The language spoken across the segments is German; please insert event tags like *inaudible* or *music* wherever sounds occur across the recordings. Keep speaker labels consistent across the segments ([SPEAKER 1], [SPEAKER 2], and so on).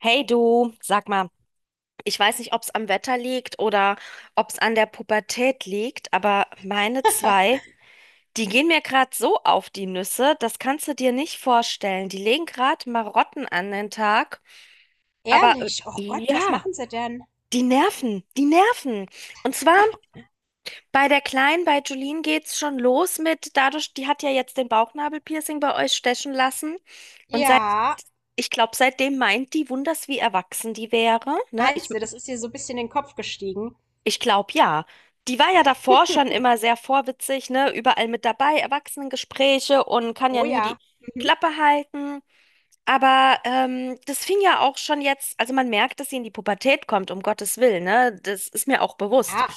[SPEAKER 1] Hey du, sag mal, ich weiß nicht, ob es am Wetter liegt oder ob es an der Pubertät liegt, aber meine zwei, die gehen mir gerade so auf die Nüsse, das kannst du dir nicht vorstellen. Die legen gerade Marotten an den Tag, aber
[SPEAKER 2] Ehrlich? Oh Gott, was
[SPEAKER 1] ja,
[SPEAKER 2] machen sie denn?
[SPEAKER 1] die nerven, die nerven. Und zwar bei der Kleinen, bei Julien geht's schon los mit, dadurch, die hat ja jetzt den Bauchnabelpiercing bei euch stechen lassen und seit,
[SPEAKER 2] Ja,
[SPEAKER 1] ich glaube, seitdem meint die wunders, wie erwachsen die wäre, ne? Ich
[SPEAKER 2] meinst du, das ist dir so ein bisschen in den Kopf gestiegen?
[SPEAKER 1] Ich glaube ja. Die war ja davor schon immer sehr vorwitzig, ne? Überall mit dabei, Erwachsenengespräche und kann ja
[SPEAKER 2] Oh
[SPEAKER 1] nie
[SPEAKER 2] ja.
[SPEAKER 1] die
[SPEAKER 2] Mhm.
[SPEAKER 1] Klappe halten. Aber das fing ja auch schon jetzt, also man merkt, dass sie in die Pubertät kommt, um Gottes Willen, ne? Das ist mir auch bewusst.
[SPEAKER 2] Ja,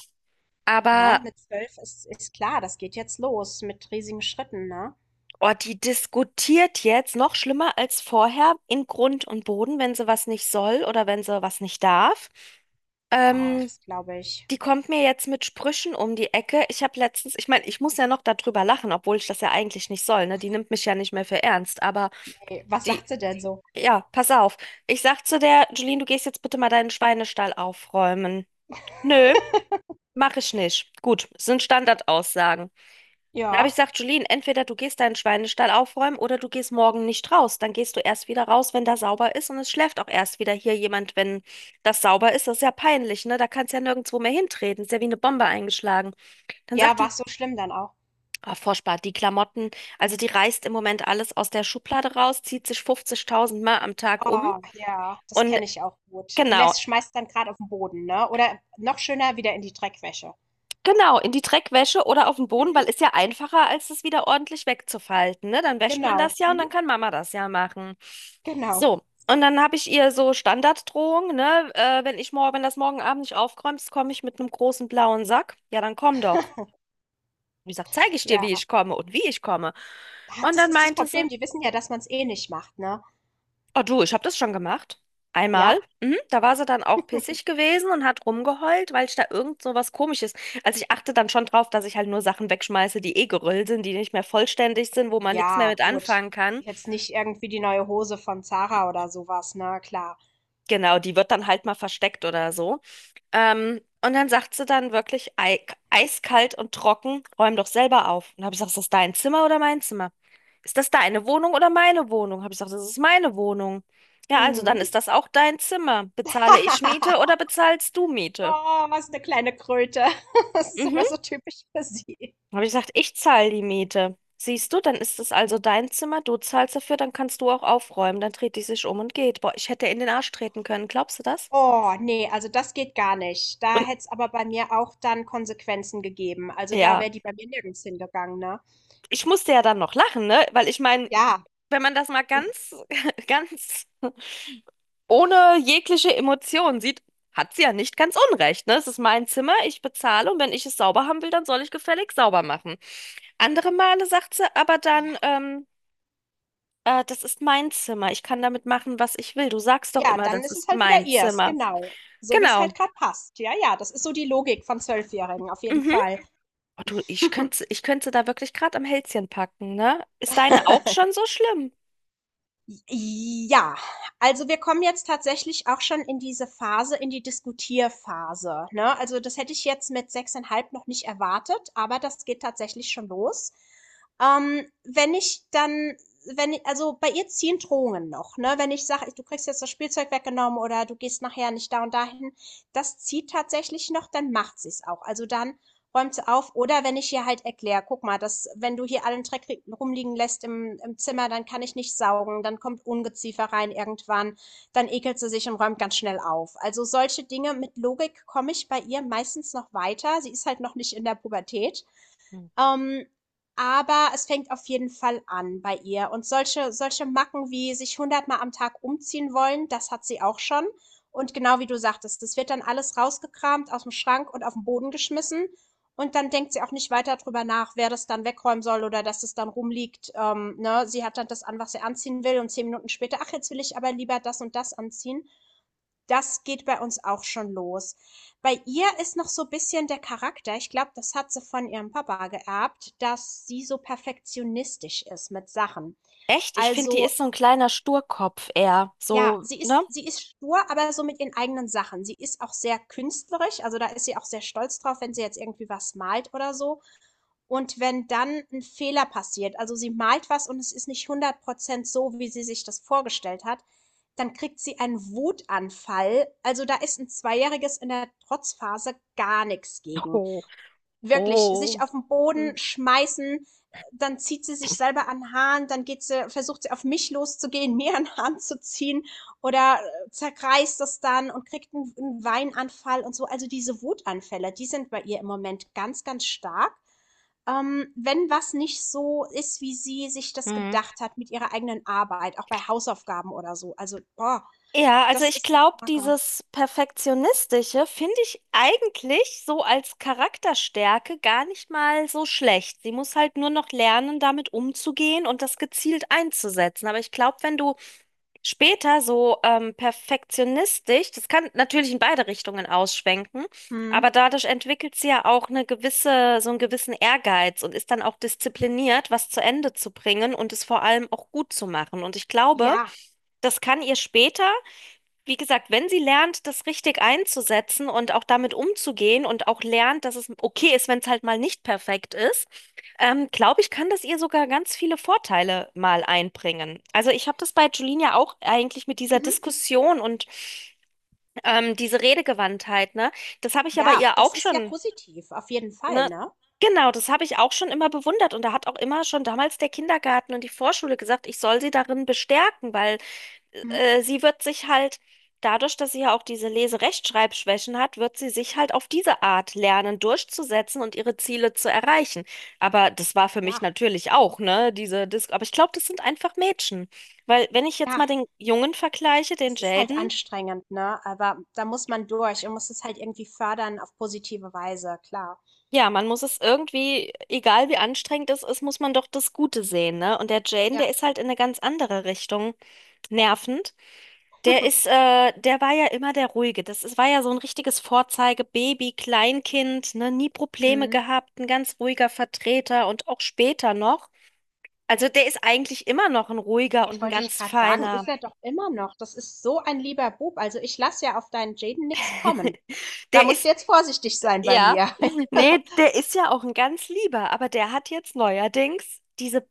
[SPEAKER 2] ne,
[SPEAKER 1] Aber
[SPEAKER 2] mit 12 ist klar, das geht jetzt los mit riesigen Schritten, ne?
[SPEAKER 1] oh, die diskutiert jetzt noch schlimmer als vorher in Grund und Boden, wenn sie was nicht soll oder wenn sie was nicht darf.
[SPEAKER 2] Oh,
[SPEAKER 1] Ähm,
[SPEAKER 2] das glaube ich.
[SPEAKER 1] Die kommt mir jetzt mit Sprüchen um die Ecke. Ich habe letztens, ich meine, ich muss ja noch darüber lachen, obwohl ich das ja eigentlich nicht soll, ne? Die nimmt mich ja nicht mehr für ernst, aber
[SPEAKER 2] Nee, was
[SPEAKER 1] die,
[SPEAKER 2] sagt sie denn so?
[SPEAKER 1] ja, pass auf. Ich sag zu der, Julien, du gehst jetzt bitte mal deinen Schweinestall aufräumen. Nö,
[SPEAKER 2] *laughs*
[SPEAKER 1] mache ich nicht. Gut, sind Standardaussagen. Da habe ich
[SPEAKER 2] Ja.
[SPEAKER 1] gesagt, Julien, entweder du gehst deinen Schweinestall aufräumen oder du gehst morgen nicht raus. Dann gehst du erst wieder raus, wenn da sauber ist und es schläft auch erst wieder hier jemand, wenn das sauber ist. Das ist ja peinlich, ne? Da kannst ja nirgendwo mehr hintreten. Ist ja wie eine Bombe eingeschlagen. Dann
[SPEAKER 2] Ja,
[SPEAKER 1] sagt
[SPEAKER 2] war
[SPEAKER 1] die,
[SPEAKER 2] es so schlimm dann auch?
[SPEAKER 1] oh, furchtbar, die Klamotten, also die reißt im Moment alles aus der Schublade raus, zieht sich 50.000 Mal am Tag um
[SPEAKER 2] Oh ja, das
[SPEAKER 1] und
[SPEAKER 2] kenne ich auch gut. Und
[SPEAKER 1] genau,
[SPEAKER 2] lässt, schmeißt dann gerade auf den Boden, ne? Oder noch schöner wieder in die Dreckwäsche.
[SPEAKER 1] genau, in die Dreckwäsche oder auf den Boden,
[SPEAKER 2] Mhm.
[SPEAKER 1] weil ist ja einfacher, als es wieder ordentlich wegzufalten, ne? Dann wäscht man
[SPEAKER 2] Genau.
[SPEAKER 1] das ja und dann
[SPEAKER 2] Mhm.
[SPEAKER 1] kann Mama das ja machen.
[SPEAKER 2] Genau.
[SPEAKER 1] So, und dann habe ich ihr so Standarddrohung, ne? Wenn ich morgen, wenn das morgen Abend nicht aufräumst, komme ich mit einem großen blauen Sack. Ja, dann komm doch.
[SPEAKER 2] *laughs*
[SPEAKER 1] Und ich sage, zeige ich dir,
[SPEAKER 2] Ja.
[SPEAKER 1] wie ich komme und wie ich komme.
[SPEAKER 2] Ah,
[SPEAKER 1] Und
[SPEAKER 2] das
[SPEAKER 1] dann
[SPEAKER 2] ist das
[SPEAKER 1] meinte sie,
[SPEAKER 2] Problem. Die wissen ja, dass man es eh nicht macht, ne?
[SPEAKER 1] oh du, ich habe das schon gemacht. Einmal.
[SPEAKER 2] Ja?
[SPEAKER 1] Mhm. Da war sie dann auch pissig gewesen und hat rumgeheult, weil ich da irgend so was Komisches. Also ich achte dann schon drauf, dass ich halt nur Sachen wegschmeiße, die eh gerüllt sind, die nicht mehr vollständig sind, wo man nichts mehr
[SPEAKER 2] Ja,
[SPEAKER 1] mit
[SPEAKER 2] gut.
[SPEAKER 1] anfangen kann.
[SPEAKER 2] Jetzt nicht irgendwie die neue Hose von Zara oder sowas. Na klar.
[SPEAKER 1] Genau, die wird dann halt mal versteckt oder so. Und dann sagt sie dann wirklich ei eiskalt und trocken, räum doch selber auf. Und habe ich gesagt, ist das dein Zimmer oder mein Zimmer? Ist das deine Wohnung oder meine Wohnung? Habe ich gesagt, das ist meine Wohnung. Ja, also dann
[SPEAKER 2] Mhm.
[SPEAKER 1] ist das auch dein Zimmer. Bezahle ich Miete oder
[SPEAKER 2] *laughs*
[SPEAKER 1] bezahlst du Miete?
[SPEAKER 2] Oh, was eine kleine Kröte. *laughs* Das ist aber
[SPEAKER 1] Mhm.
[SPEAKER 2] so typisch für sie.
[SPEAKER 1] Habe ich gesagt, ich zahle die Miete. Siehst du, dann ist es also dein Zimmer, du zahlst dafür, dann kannst du auch aufräumen. Dann dreht die sich um und geht. Boah, ich hätte in den Arsch treten können, glaubst du das?
[SPEAKER 2] Oh nee, also das geht gar nicht. Da
[SPEAKER 1] Und
[SPEAKER 2] hätte es aber bei mir auch dann Konsequenzen gegeben. Also, da
[SPEAKER 1] ja,
[SPEAKER 2] wäre die bei mir nirgends hingegangen, ne?
[SPEAKER 1] ich musste ja dann noch lachen, ne? Weil ich meine,
[SPEAKER 2] Ja,
[SPEAKER 1] wenn man das mal ganz, *laughs* ganz ohne jegliche Emotion sieht, hat sie ja nicht ganz unrecht, ne? Es ist mein Zimmer, ich bezahle und wenn ich es sauber haben will, dann soll ich gefälligst sauber machen. Andere Male sagt sie aber
[SPEAKER 2] ja.
[SPEAKER 1] dann, das ist mein Zimmer, ich kann damit machen, was ich will. Du sagst doch
[SPEAKER 2] Ja,
[SPEAKER 1] immer,
[SPEAKER 2] dann
[SPEAKER 1] das
[SPEAKER 2] ist es
[SPEAKER 1] ist
[SPEAKER 2] halt wieder
[SPEAKER 1] mein
[SPEAKER 2] ihrs,
[SPEAKER 1] Zimmer.
[SPEAKER 2] genau. So wie es
[SPEAKER 1] Genau.
[SPEAKER 2] halt gerade passt. Ja, ja, das ist so die Logik von Zwölfjährigen, auf jeden
[SPEAKER 1] Mhm.
[SPEAKER 2] Fall.
[SPEAKER 1] Oh, du, ich
[SPEAKER 2] *laughs*
[SPEAKER 1] könnte, ich könnte da wirklich gerade am Hälschen packen, ne? Ist deine auch schon so schlimm?
[SPEAKER 2] Ja, also wir kommen jetzt tatsächlich auch schon in diese Phase, in die Diskutierphase, ne? Also das hätte ich jetzt mit 6,5 noch nicht erwartet, aber das geht tatsächlich schon los. Ähm, wenn ich dann, wenn ich, also bei ihr ziehen Drohungen noch, ne? Wenn ich sage, du kriegst jetzt das Spielzeug weggenommen oder du gehst nachher nicht da und dahin, das zieht tatsächlich noch, dann macht sie es auch. Also dann räumt sie auf. Oder wenn ich ihr halt erkläre, guck mal, dass wenn du hier allen Dreck rumliegen lässt im, im Zimmer, dann kann ich nicht saugen, dann kommt Ungeziefer rein irgendwann, dann ekelt sie sich und räumt ganz schnell auf. Also solche Dinge mit Logik komme ich bei ihr meistens noch weiter. Sie ist halt noch nicht in der Pubertät.
[SPEAKER 1] Hm.
[SPEAKER 2] Ähm, aber es fängt auf jeden Fall an bei ihr. Und solche Macken wie sich hundertmal am Tag umziehen wollen, das hat sie auch schon. Und genau wie du sagtest, das wird dann alles rausgekramt aus dem Schrank und auf den Boden geschmissen. Und dann denkt sie auch nicht weiter drüber nach, wer das dann wegräumen soll oder dass es dann rumliegt. Ne, sie hat dann das an, was sie anziehen will und 10 Minuten später: „Ach, jetzt will ich aber lieber das und das anziehen.“ Das geht bei uns auch schon los. Bei ihr ist noch so ein bisschen der Charakter, ich glaube, das hat sie von ihrem Papa geerbt, dass sie so perfektionistisch ist mit Sachen.
[SPEAKER 1] Echt? Ich finde, die
[SPEAKER 2] Also
[SPEAKER 1] ist so ein kleiner Sturkopf eher.
[SPEAKER 2] ja,
[SPEAKER 1] So,
[SPEAKER 2] sie
[SPEAKER 1] ne?
[SPEAKER 2] ist, sie ist stur, aber so mit ihren eigenen Sachen. Sie ist auch sehr künstlerisch, also da ist sie auch sehr stolz drauf, wenn sie jetzt irgendwie was malt oder so. Und wenn dann ein Fehler passiert, also sie malt was und es ist nicht 100% so, wie sie sich das vorgestellt hat, dann kriegt sie einen Wutanfall. Also, da ist ein Zweijähriges in der Trotzphase gar nichts gegen.
[SPEAKER 1] Oh.
[SPEAKER 2] Wirklich, sich
[SPEAKER 1] Oh.
[SPEAKER 2] auf den
[SPEAKER 1] Hm.
[SPEAKER 2] Boden schmeißen, dann zieht sie sich selber an 'n Haaren, dann geht sie versucht sie auf mich loszugehen, *laughs* mir an den Haaren zu ziehen oder, zerreißt es dann und kriegt einen 'n Weinanfall und so. Also, diese Wutanfälle, die sind bei ihr im Moment ganz, ganz stark. Wenn was nicht so ist, wie sie sich das
[SPEAKER 1] Hm.
[SPEAKER 2] gedacht hat mit ihrer eigenen Arbeit, auch bei Hausaufgaben oder so. Also, boah,
[SPEAKER 1] Ja, also
[SPEAKER 2] das
[SPEAKER 1] ich
[SPEAKER 2] ist so
[SPEAKER 1] glaube,
[SPEAKER 2] 'ne Macke.
[SPEAKER 1] dieses Perfektionistische finde ich eigentlich so als Charakterstärke gar nicht mal so schlecht. Sie muss halt nur noch lernen, damit umzugehen und das gezielt einzusetzen. Aber ich glaube, wenn du später so perfektionistisch, das kann natürlich in beide Richtungen ausschwenken,
[SPEAKER 2] Mhm.
[SPEAKER 1] aber dadurch entwickelt sie ja auch eine gewisse, so einen gewissen Ehrgeiz und ist dann auch diszipliniert, was zu Ende zu bringen und es vor allem auch gut zu machen. Und ich glaube,
[SPEAKER 2] Ja.
[SPEAKER 1] das kann ihr später wie gesagt, wenn sie lernt, das richtig einzusetzen und auch damit umzugehen und auch lernt, dass es okay ist, wenn es halt mal nicht perfekt ist, glaube ich, kann das ihr sogar ganz viele Vorteile mal einbringen. Also ich habe das bei Julina auch eigentlich mit dieser
[SPEAKER 2] Mhm.
[SPEAKER 1] Diskussion und diese Redegewandtheit, ne? Das habe ich ja bei
[SPEAKER 2] Ja,
[SPEAKER 1] ihr
[SPEAKER 2] das
[SPEAKER 1] auch
[SPEAKER 2] ist ja
[SPEAKER 1] schon,
[SPEAKER 2] positiv, auf jeden Fall,
[SPEAKER 1] ne?
[SPEAKER 2] ne?
[SPEAKER 1] Genau, das habe ich auch schon immer bewundert und da hat auch immer schon damals der Kindergarten und die Vorschule gesagt, ich soll sie darin bestärken, weil
[SPEAKER 2] Mhm.
[SPEAKER 1] sie wird sich halt, dadurch, dass sie ja auch diese Lese-Rechtschreibschwächen hat, wird sie sich halt auf diese Art lernen, durchzusetzen und ihre Ziele zu erreichen. Aber das war für mich
[SPEAKER 2] Ja,
[SPEAKER 1] natürlich auch, ne, diese Dis aber ich glaube, das sind einfach Mädchen. Weil, wenn ich jetzt
[SPEAKER 2] ja,
[SPEAKER 1] mal den Jungen vergleiche, den
[SPEAKER 2] es ist halt
[SPEAKER 1] Jaden,
[SPEAKER 2] anstrengend, ne? Aber da muss man durch und muss es halt irgendwie fördern auf positive Weise, klar.
[SPEAKER 1] ja, man muss es irgendwie, egal wie anstrengend es ist, muss man doch das Gute sehen, ne? Und der Jaden,
[SPEAKER 2] Ja.
[SPEAKER 1] der ist halt in eine ganz andere Richtung nervend. Der ist,
[SPEAKER 2] *laughs*
[SPEAKER 1] der war ja immer der Ruhige. Das ist, war ja so ein richtiges Vorzeigebaby, Kleinkind, ne, nie Probleme
[SPEAKER 2] Mhm.
[SPEAKER 1] gehabt, ein ganz ruhiger Vertreter und auch später noch. Also der ist eigentlich immer noch ein ruhiger
[SPEAKER 2] Jetzt
[SPEAKER 1] und ein
[SPEAKER 2] wollte ich
[SPEAKER 1] ganz
[SPEAKER 2] gerade sagen, ist
[SPEAKER 1] feiner.
[SPEAKER 2] er doch immer noch. Das ist so ein lieber Bub. Also ich lasse ja auf deinen Jaden nix kommen.
[SPEAKER 1] *laughs*
[SPEAKER 2] Da
[SPEAKER 1] Der
[SPEAKER 2] musst du
[SPEAKER 1] ist,
[SPEAKER 2] jetzt vorsichtig sein bei
[SPEAKER 1] ja,
[SPEAKER 2] mir.
[SPEAKER 1] *laughs* nee, der ist ja auch ein ganz lieber, aber der hat jetzt neuerdings diese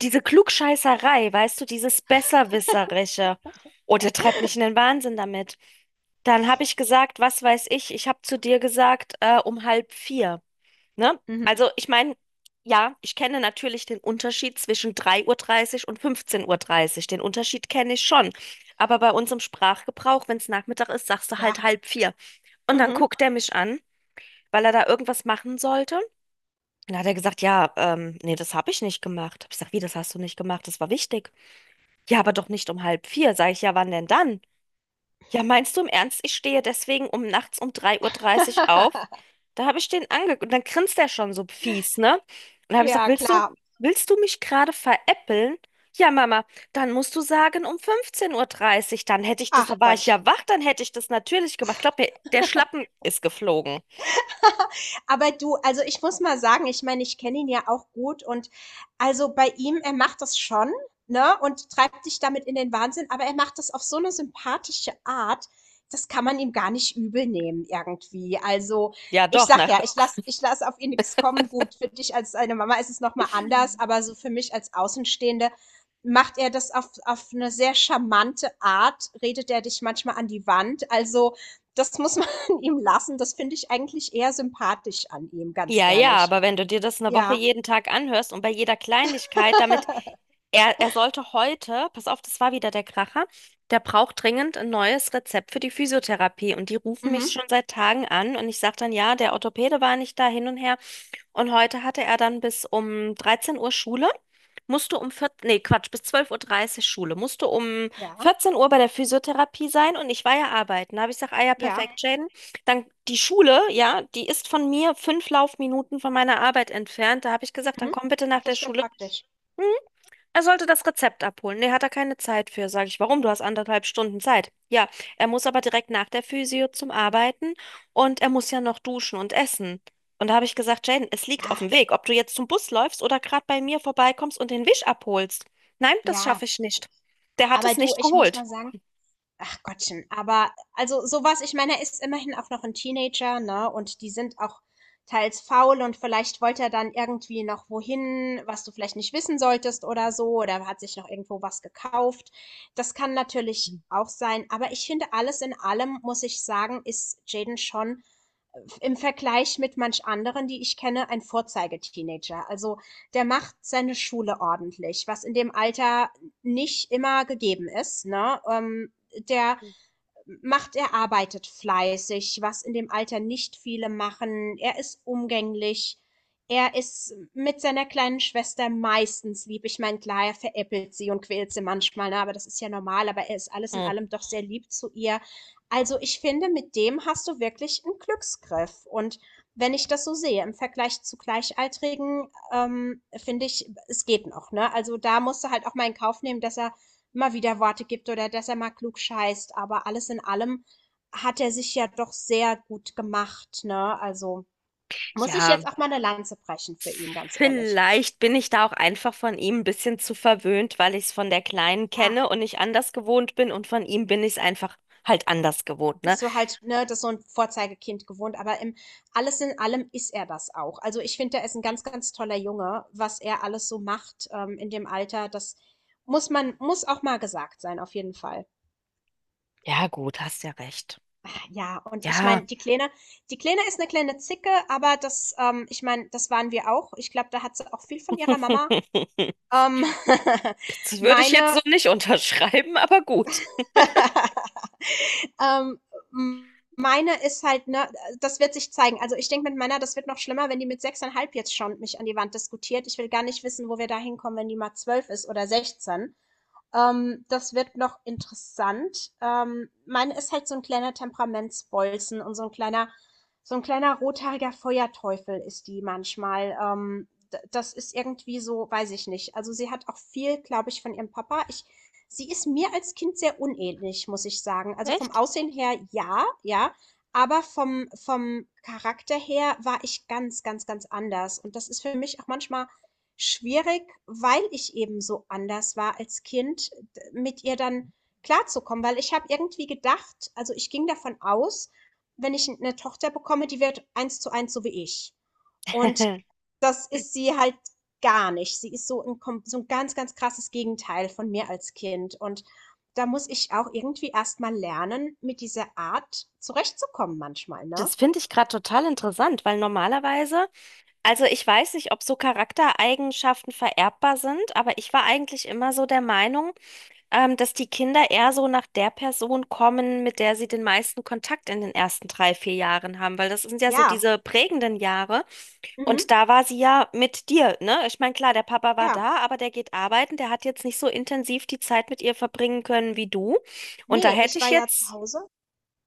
[SPEAKER 1] Klugscheißerei, weißt du, dieses Besserwisserische. Oh, der treibt mich in
[SPEAKER 2] *laughs*
[SPEAKER 1] den Wahnsinn damit. Dann habe ich gesagt, was weiß ich, ich habe zu dir gesagt, um halb vier. Ne?
[SPEAKER 2] Mhm.
[SPEAKER 1] Also ich meine, ja, ich kenne natürlich den Unterschied zwischen 3:30 Uhr und 15:30 Uhr. Den Unterschied kenne ich schon. Aber bei uns im Sprachgebrauch, wenn es Nachmittag ist, sagst du
[SPEAKER 2] Ja.
[SPEAKER 1] halt halb vier. Und dann
[SPEAKER 2] Mhm.
[SPEAKER 1] guckt er mich an, weil er da irgendwas machen sollte. Und dann hat er gesagt, ja, nee, das habe ich nicht gemacht. Hab ich gesagt, wie, das hast du nicht gemacht? Das war wichtig. Ja, aber doch nicht um halb vier, sag ich, ja, wann denn dann? Ja, meinst du im Ernst, ich stehe deswegen um nachts um 3:30 Uhr auf?
[SPEAKER 2] *laughs*
[SPEAKER 1] Da habe ich den angeguckt und dann grinst er schon so fies, ne? Und da habe ich gesagt,
[SPEAKER 2] Ja, klar.
[SPEAKER 1] willst du mich gerade veräppeln? Ja, Mama, dann musst du sagen um 15:30 Uhr. Dann hätte ich das,
[SPEAKER 2] Ach
[SPEAKER 1] da war ich
[SPEAKER 2] Gott.
[SPEAKER 1] ja wach, dann hätte ich das natürlich gemacht. Glaub mir, der Schlappen ist geflogen.
[SPEAKER 2] Aber du, also ich muss mal sagen, ich meine, ich kenne ihn ja auch gut und also bei ihm, er macht das schon, ne, und treibt dich damit in den Wahnsinn, aber er macht das auf so eine sympathische Art, das kann man ihm gar nicht übel nehmen irgendwie. Also
[SPEAKER 1] Ja,
[SPEAKER 2] ich
[SPEAKER 1] doch,
[SPEAKER 2] sag
[SPEAKER 1] nach
[SPEAKER 2] ja, ich lass auf ihn nichts kommen. Gut, für dich als seine Mama ist es nochmal anders, aber so für mich als Außenstehende macht er das auf eine sehr charmante Art, redet er dich manchmal an die Wand. Also das muss man ihm lassen. Das finde ich eigentlich eher sympathisch an ihm, ganz
[SPEAKER 1] ja, ja,
[SPEAKER 2] ehrlich.
[SPEAKER 1] aber wenn du dir das eine Woche
[SPEAKER 2] Ja.
[SPEAKER 1] jeden Tag anhörst und bei jeder Kleinigkeit, damit
[SPEAKER 2] *laughs*
[SPEAKER 1] er sollte heute, pass auf, das war wieder der Kracher, der braucht dringend ein neues Rezept für die Physiotherapie und die rufen mich schon
[SPEAKER 2] Mhm.
[SPEAKER 1] seit Tagen an und ich sage dann, ja, der Orthopäde war nicht da hin und her. Und heute hatte er dann bis um 13 Uhr Schule, musste um 14, nee, Quatsch, bis 12:30 Uhr dreißig Schule, musste um
[SPEAKER 2] Ja,
[SPEAKER 1] 14 Uhr bei der Physiotherapie sein und ich war ja arbeiten. Da habe ich gesagt, ah ja,
[SPEAKER 2] ja.
[SPEAKER 1] perfekt, Jaden. Dann die Schule, ja, die ist von mir 5 Laufminuten von meiner Arbeit entfernt. Da habe ich gesagt, dann
[SPEAKER 2] Mhm.
[SPEAKER 1] komm bitte nach
[SPEAKER 2] Ach,
[SPEAKER 1] der
[SPEAKER 2] das ist ja
[SPEAKER 1] Schule.
[SPEAKER 2] praktisch.
[SPEAKER 1] Er sollte das Rezept abholen. Nee, hat er keine Zeit für, sage ich. Warum? Du hast anderthalb Stunden Zeit. Ja, er muss aber direkt nach der Physio zum Arbeiten und er muss ja noch duschen und essen. Und da habe ich gesagt, Jaden, es liegt
[SPEAKER 2] Ja,
[SPEAKER 1] auf dem Weg, ob du jetzt zum Bus läufst oder gerade bei mir vorbeikommst und den Wisch abholst. Nein, das
[SPEAKER 2] ja.
[SPEAKER 1] schaffe ich nicht. Der hat
[SPEAKER 2] Aber
[SPEAKER 1] es
[SPEAKER 2] du,
[SPEAKER 1] nicht
[SPEAKER 2] ich muss
[SPEAKER 1] geholt.
[SPEAKER 2] mal sagen, ach Gottchen, aber also sowas. Ich meine, er ist immerhin auch noch ein Teenager, ne, und die sind auch teils faul und vielleicht wollte er dann irgendwie noch wohin, was du vielleicht nicht wissen solltest oder so, oder hat sich noch irgendwo was gekauft. Das kann natürlich auch sein, aber ich finde, alles in allem, muss ich sagen, ist Jaden schon, im Vergleich mit manch anderen, die ich kenne, ein Vorzeigeteenager. Also, der macht seine Schule ordentlich, was in dem Alter nicht immer gegeben ist, ne? Der er arbeitet fleißig, was in dem Alter nicht viele machen. Er ist umgänglich. Er ist mit seiner kleinen Schwester meistens lieb. Ich meine, klar, er veräppelt sie und quält sie manchmal, ne? Aber das ist ja normal. Aber er ist alles in
[SPEAKER 1] Hm.
[SPEAKER 2] allem doch sehr lieb zu ihr. Also ich finde, mit dem hast du wirklich einen Glücksgriff. Und wenn ich das so sehe, im Vergleich zu Gleichaltrigen, finde ich, es geht noch. Ne? Also da musst du halt auch mal in Kauf nehmen, dass er immer wieder Worte gibt oder dass er mal klug scheißt. Aber alles in allem hat er sich ja doch sehr gut gemacht, ne? Also muss ich
[SPEAKER 1] Ja,
[SPEAKER 2] jetzt auch mal eine Lanze brechen für ihn, ganz ehrlich.
[SPEAKER 1] vielleicht bin ich da auch einfach von ihm ein bisschen zu verwöhnt, weil ich es von der Kleinen
[SPEAKER 2] Ja,
[SPEAKER 1] kenne und nicht anders gewohnt bin und von ihm bin ich es einfach halt anders gewohnt, ne?
[SPEAKER 2] bist du halt, ne, das ist so ein Vorzeigekind gewohnt, aber im alles in allem ist er das auch. Also ich finde, er ist ein ganz, ganz toller Junge, was er alles so macht in dem Alter. Das muss auch mal gesagt sein, auf jeden Fall.
[SPEAKER 1] Ja, gut, hast ja recht.
[SPEAKER 2] Ja, und ich meine,
[SPEAKER 1] Ja.
[SPEAKER 2] die Kleine ist eine kleine Zicke, aber das, ich meine, das waren wir auch. Ich glaube, da hat sie auch viel von ihrer Mama.
[SPEAKER 1] *laughs*
[SPEAKER 2] Ähm, *laughs*
[SPEAKER 1] Das würde ich jetzt
[SPEAKER 2] meine
[SPEAKER 1] so nicht unterschreiben, aber gut.
[SPEAKER 2] *laughs* ähm, m meine ist halt, ne, das wird sich zeigen. Also, ich denke, mit meiner das wird noch schlimmer, wenn die mit 6,5 jetzt schon mich an die Wand diskutiert. Ich will gar nicht wissen, wo wir da hinkommen, wenn die mal 12 ist oder 16. Das wird noch interessant. Meine ist halt so ein kleiner Temperamentsbolzen und so ein kleiner rothaariger Feuerteufel ist die manchmal. D Das ist irgendwie so, weiß ich nicht. Also, sie hat auch viel, glaube ich, von ihrem Papa. Ich Sie ist mir als Kind sehr unähnlich, muss ich sagen. Also, vom
[SPEAKER 1] Echt?
[SPEAKER 2] Aussehen her ja, ja, aber vom Charakter her war ich ganz, ganz, ganz anders. Und das ist für mich auch manchmal schwierig, weil ich eben so anders war als Kind, mit ihr dann klarzukommen. Weil ich habe irgendwie gedacht, also ich ging davon aus, wenn ich eine Tochter bekomme, die wird eins zu eins so wie ich. Und
[SPEAKER 1] *laughs*
[SPEAKER 2] das ist sie halt gar nicht. Sie ist so ein, so ein ganz, ganz krasses Gegenteil von mir als Kind. Und da muss ich auch irgendwie erstmal lernen, mit dieser Art zurechtzukommen manchmal, ne?
[SPEAKER 1] Das finde ich gerade total interessant, weil normalerweise, also ich weiß nicht, ob so Charaktereigenschaften vererbbar sind, aber ich war eigentlich immer so der Meinung, dass die Kinder eher so nach der Person kommen, mit der sie den meisten Kontakt in den ersten 3, 4 Jahren haben, weil das sind ja so
[SPEAKER 2] Ja.
[SPEAKER 1] diese prägenden Jahre. Und
[SPEAKER 2] Mhm.
[SPEAKER 1] da war sie ja mit dir, ne? Ich meine, klar, der Papa war
[SPEAKER 2] Ja.
[SPEAKER 1] da, aber der geht arbeiten, der hat jetzt nicht so intensiv die Zeit mit ihr verbringen können wie du. Und da
[SPEAKER 2] Nee,
[SPEAKER 1] hätte
[SPEAKER 2] ich war
[SPEAKER 1] ich
[SPEAKER 2] ja zu
[SPEAKER 1] jetzt,
[SPEAKER 2] Hause.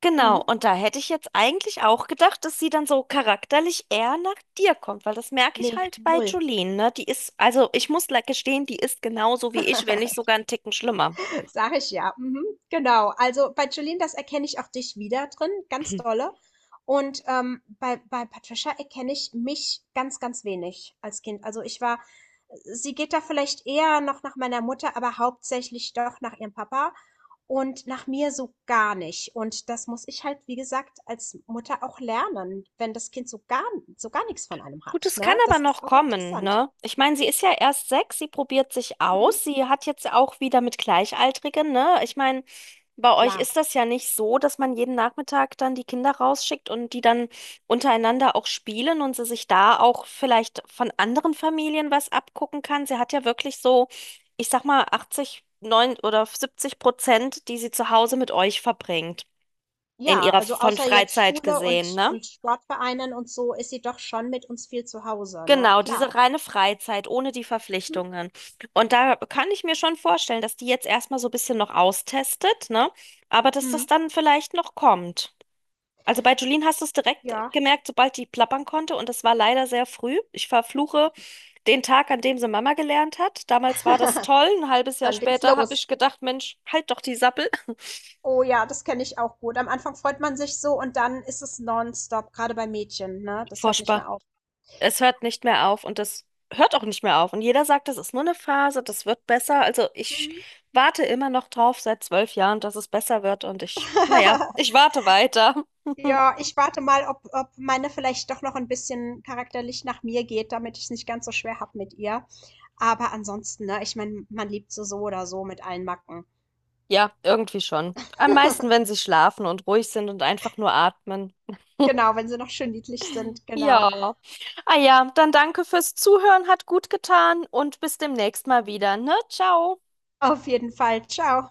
[SPEAKER 1] genau,
[SPEAKER 2] Mhm.
[SPEAKER 1] und da hätte ich jetzt eigentlich auch gedacht, dass sie dann so charakterlich eher nach dir kommt, weil das merke ich
[SPEAKER 2] Nee,
[SPEAKER 1] halt bei
[SPEAKER 2] null.
[SPEAKER 1] Jolene, ne? Die ist, also ich muss gestehen, die ist genauso wie ich, wenn nicht
[SPEAKER 2] *laughs*
[SPEAKER 1] sogar einen Ticken schlimmer.
[SPEAKER 2] Sag ich ja. Mhm. Genau. Also bei Jolene, das erkenne ich auch dich wieder drin, ganz
[SPEAKER 1] *clears throat*
[SPEAKER 2] dolle. Und bei, bei Patricia erkenne ich mich ganz, ganz wenig als Kind. Also ich war, sie geht da vielleicht eher noch nach meiner Mutter, aber hauptsächlich doch nach ihrem Papa und nach mir so gar nicht. Und das muss ich halt, wie gesagt, als Mutter auch lernen, wenn das Kind so gar nichts von einem
[SPEAKER 1] Gut,
[SPEAKER 2] hat.
[SPEAKER 1] es kann
[SPEAKER 2] Ne?
[SPEAKER 1] aber
[SPEAKER 2] Das ist
[SPEAKER 1] noch
[SPEAKER 2] auch
[SPEAKER 1] kommen,
[SPEAKER 2] interessant.
[SPEAKER 1] ne? Ich meine, sie ist ja erst 6, sie probiert sich
[SPEAKER 2] Mhm.
[SPEAKER 1] aus, sie hat jetzt auch wieder mit Gleichaltrigen, ne? Ich meine, bei euch
[SPEAKER 2] Klar.
[SPEAKER 1] ist das ja nicht so, dass man jeden Nachmittag dann die Kinder rausschickt und die dann untereinander auch spielen und sie sich da auch vielleicht von anderen Familien was abgucken kann. Sie hat ja wirklich so, ich sag mal, 80, 9 oder 70%, die sie zu Hause mit euch verbringt. In
[SPEAKER 2] Ja,
[SPEAKER 1] ihrer
[SPEAKER 2] also
[SPEAKER 1] von
[SPEAKER 2] außer jetzt
[SPEAKER 1] Freizeit
[SPEAKER 2] Schule
[SPEAKER 1] gesehen, ne?
[SPEAKER 2] und Sportvereinen und so ist sie doch schon mit uns viel zu Hause, na
[SPEAKER 1] Genau,
[SPEAKER 2] klar.
[SPEAKER 1] diese reine Freizeit ohne die
[SPEAKER 2] Mhm.
[SPEAKER 1] Verpflichtungen. Und da kann ich mir schon vorstellen, dass die jetzt erstmal so ein bisschen noch austestet, ne? Aber dass
[SPEAKER 2] Mhm.
[SPEAKER 1] das dann vielleicht noch kommt. Also bei Julien hast du es direkt
[SPEAKER 2] Ja.
[SPEAKER 1] gemerkt, sobald die plappern konnte. Und das war leider sehr früh. Ich verfluche den Tag, an dem sie Mama gelernt hat. Damals war das
[SPEAKER 2] *laughs*
[SPEAKER 1] toll. Ein halbes Jahr
[SPEAKER 2] Dann ging's
[SPEAKER 1] später habe
[SPEAKER 2] los.
[SPEAKER 1] ich gedacht, Mensch, halt doch die Sappel.
[SPEAKER 2] Oh ja, das kenne ich auch gut. Am Anfang freut man sich so und dann ist es nonstop, gerade bei Mädchen, ne? Das hört nicht
[SPEAKER 1] Furchtbar.
[SPEAKER 2] mehr auf.
[SPEAKER 1] Es hört nicht mehr auf und das hört auch nicht mehr auf. Und jeder sagt, das ist nur eine Phase, das wird besser. Also ich
[SPEAKER 2] Mhm.
[SPEAKER 1] warte immer noch drauf seit 12 Jahren, dass es besser wird. Und ich, naja,
[SPEAKER 2] *laughs*
[SPEAKER 1] ich warte weiter. *laughs*
[SPEAKER 2] Ja, ich warte mal, ob meine vielleicht doch noch ein bisschen charakterlich nach mir geht, damit ich es nicht ganz so schwer habe mit ihr. Aber ansonsten, ne, ich meine, man liebt sie so oder so mit allen Macken.
[SPEAKER 1] Ja, irgendwie schon. Am meisten,
[SPEAKER 2] *laughs*
[SPEAKER 1] wenn sie schlafen und ruhig sind und einfach nur atmen.
[SPEAKER 2] Genau, wenn sie noch schön niedlich sind, genau.
[SPEAKER 1] Ja. Ah ja, dann danke fürs Zuhören, hat gut getan und bis demnächst mal wieder, ne? Ciao.
[SPEAKER 2] Auf jeden Fall. Ciao.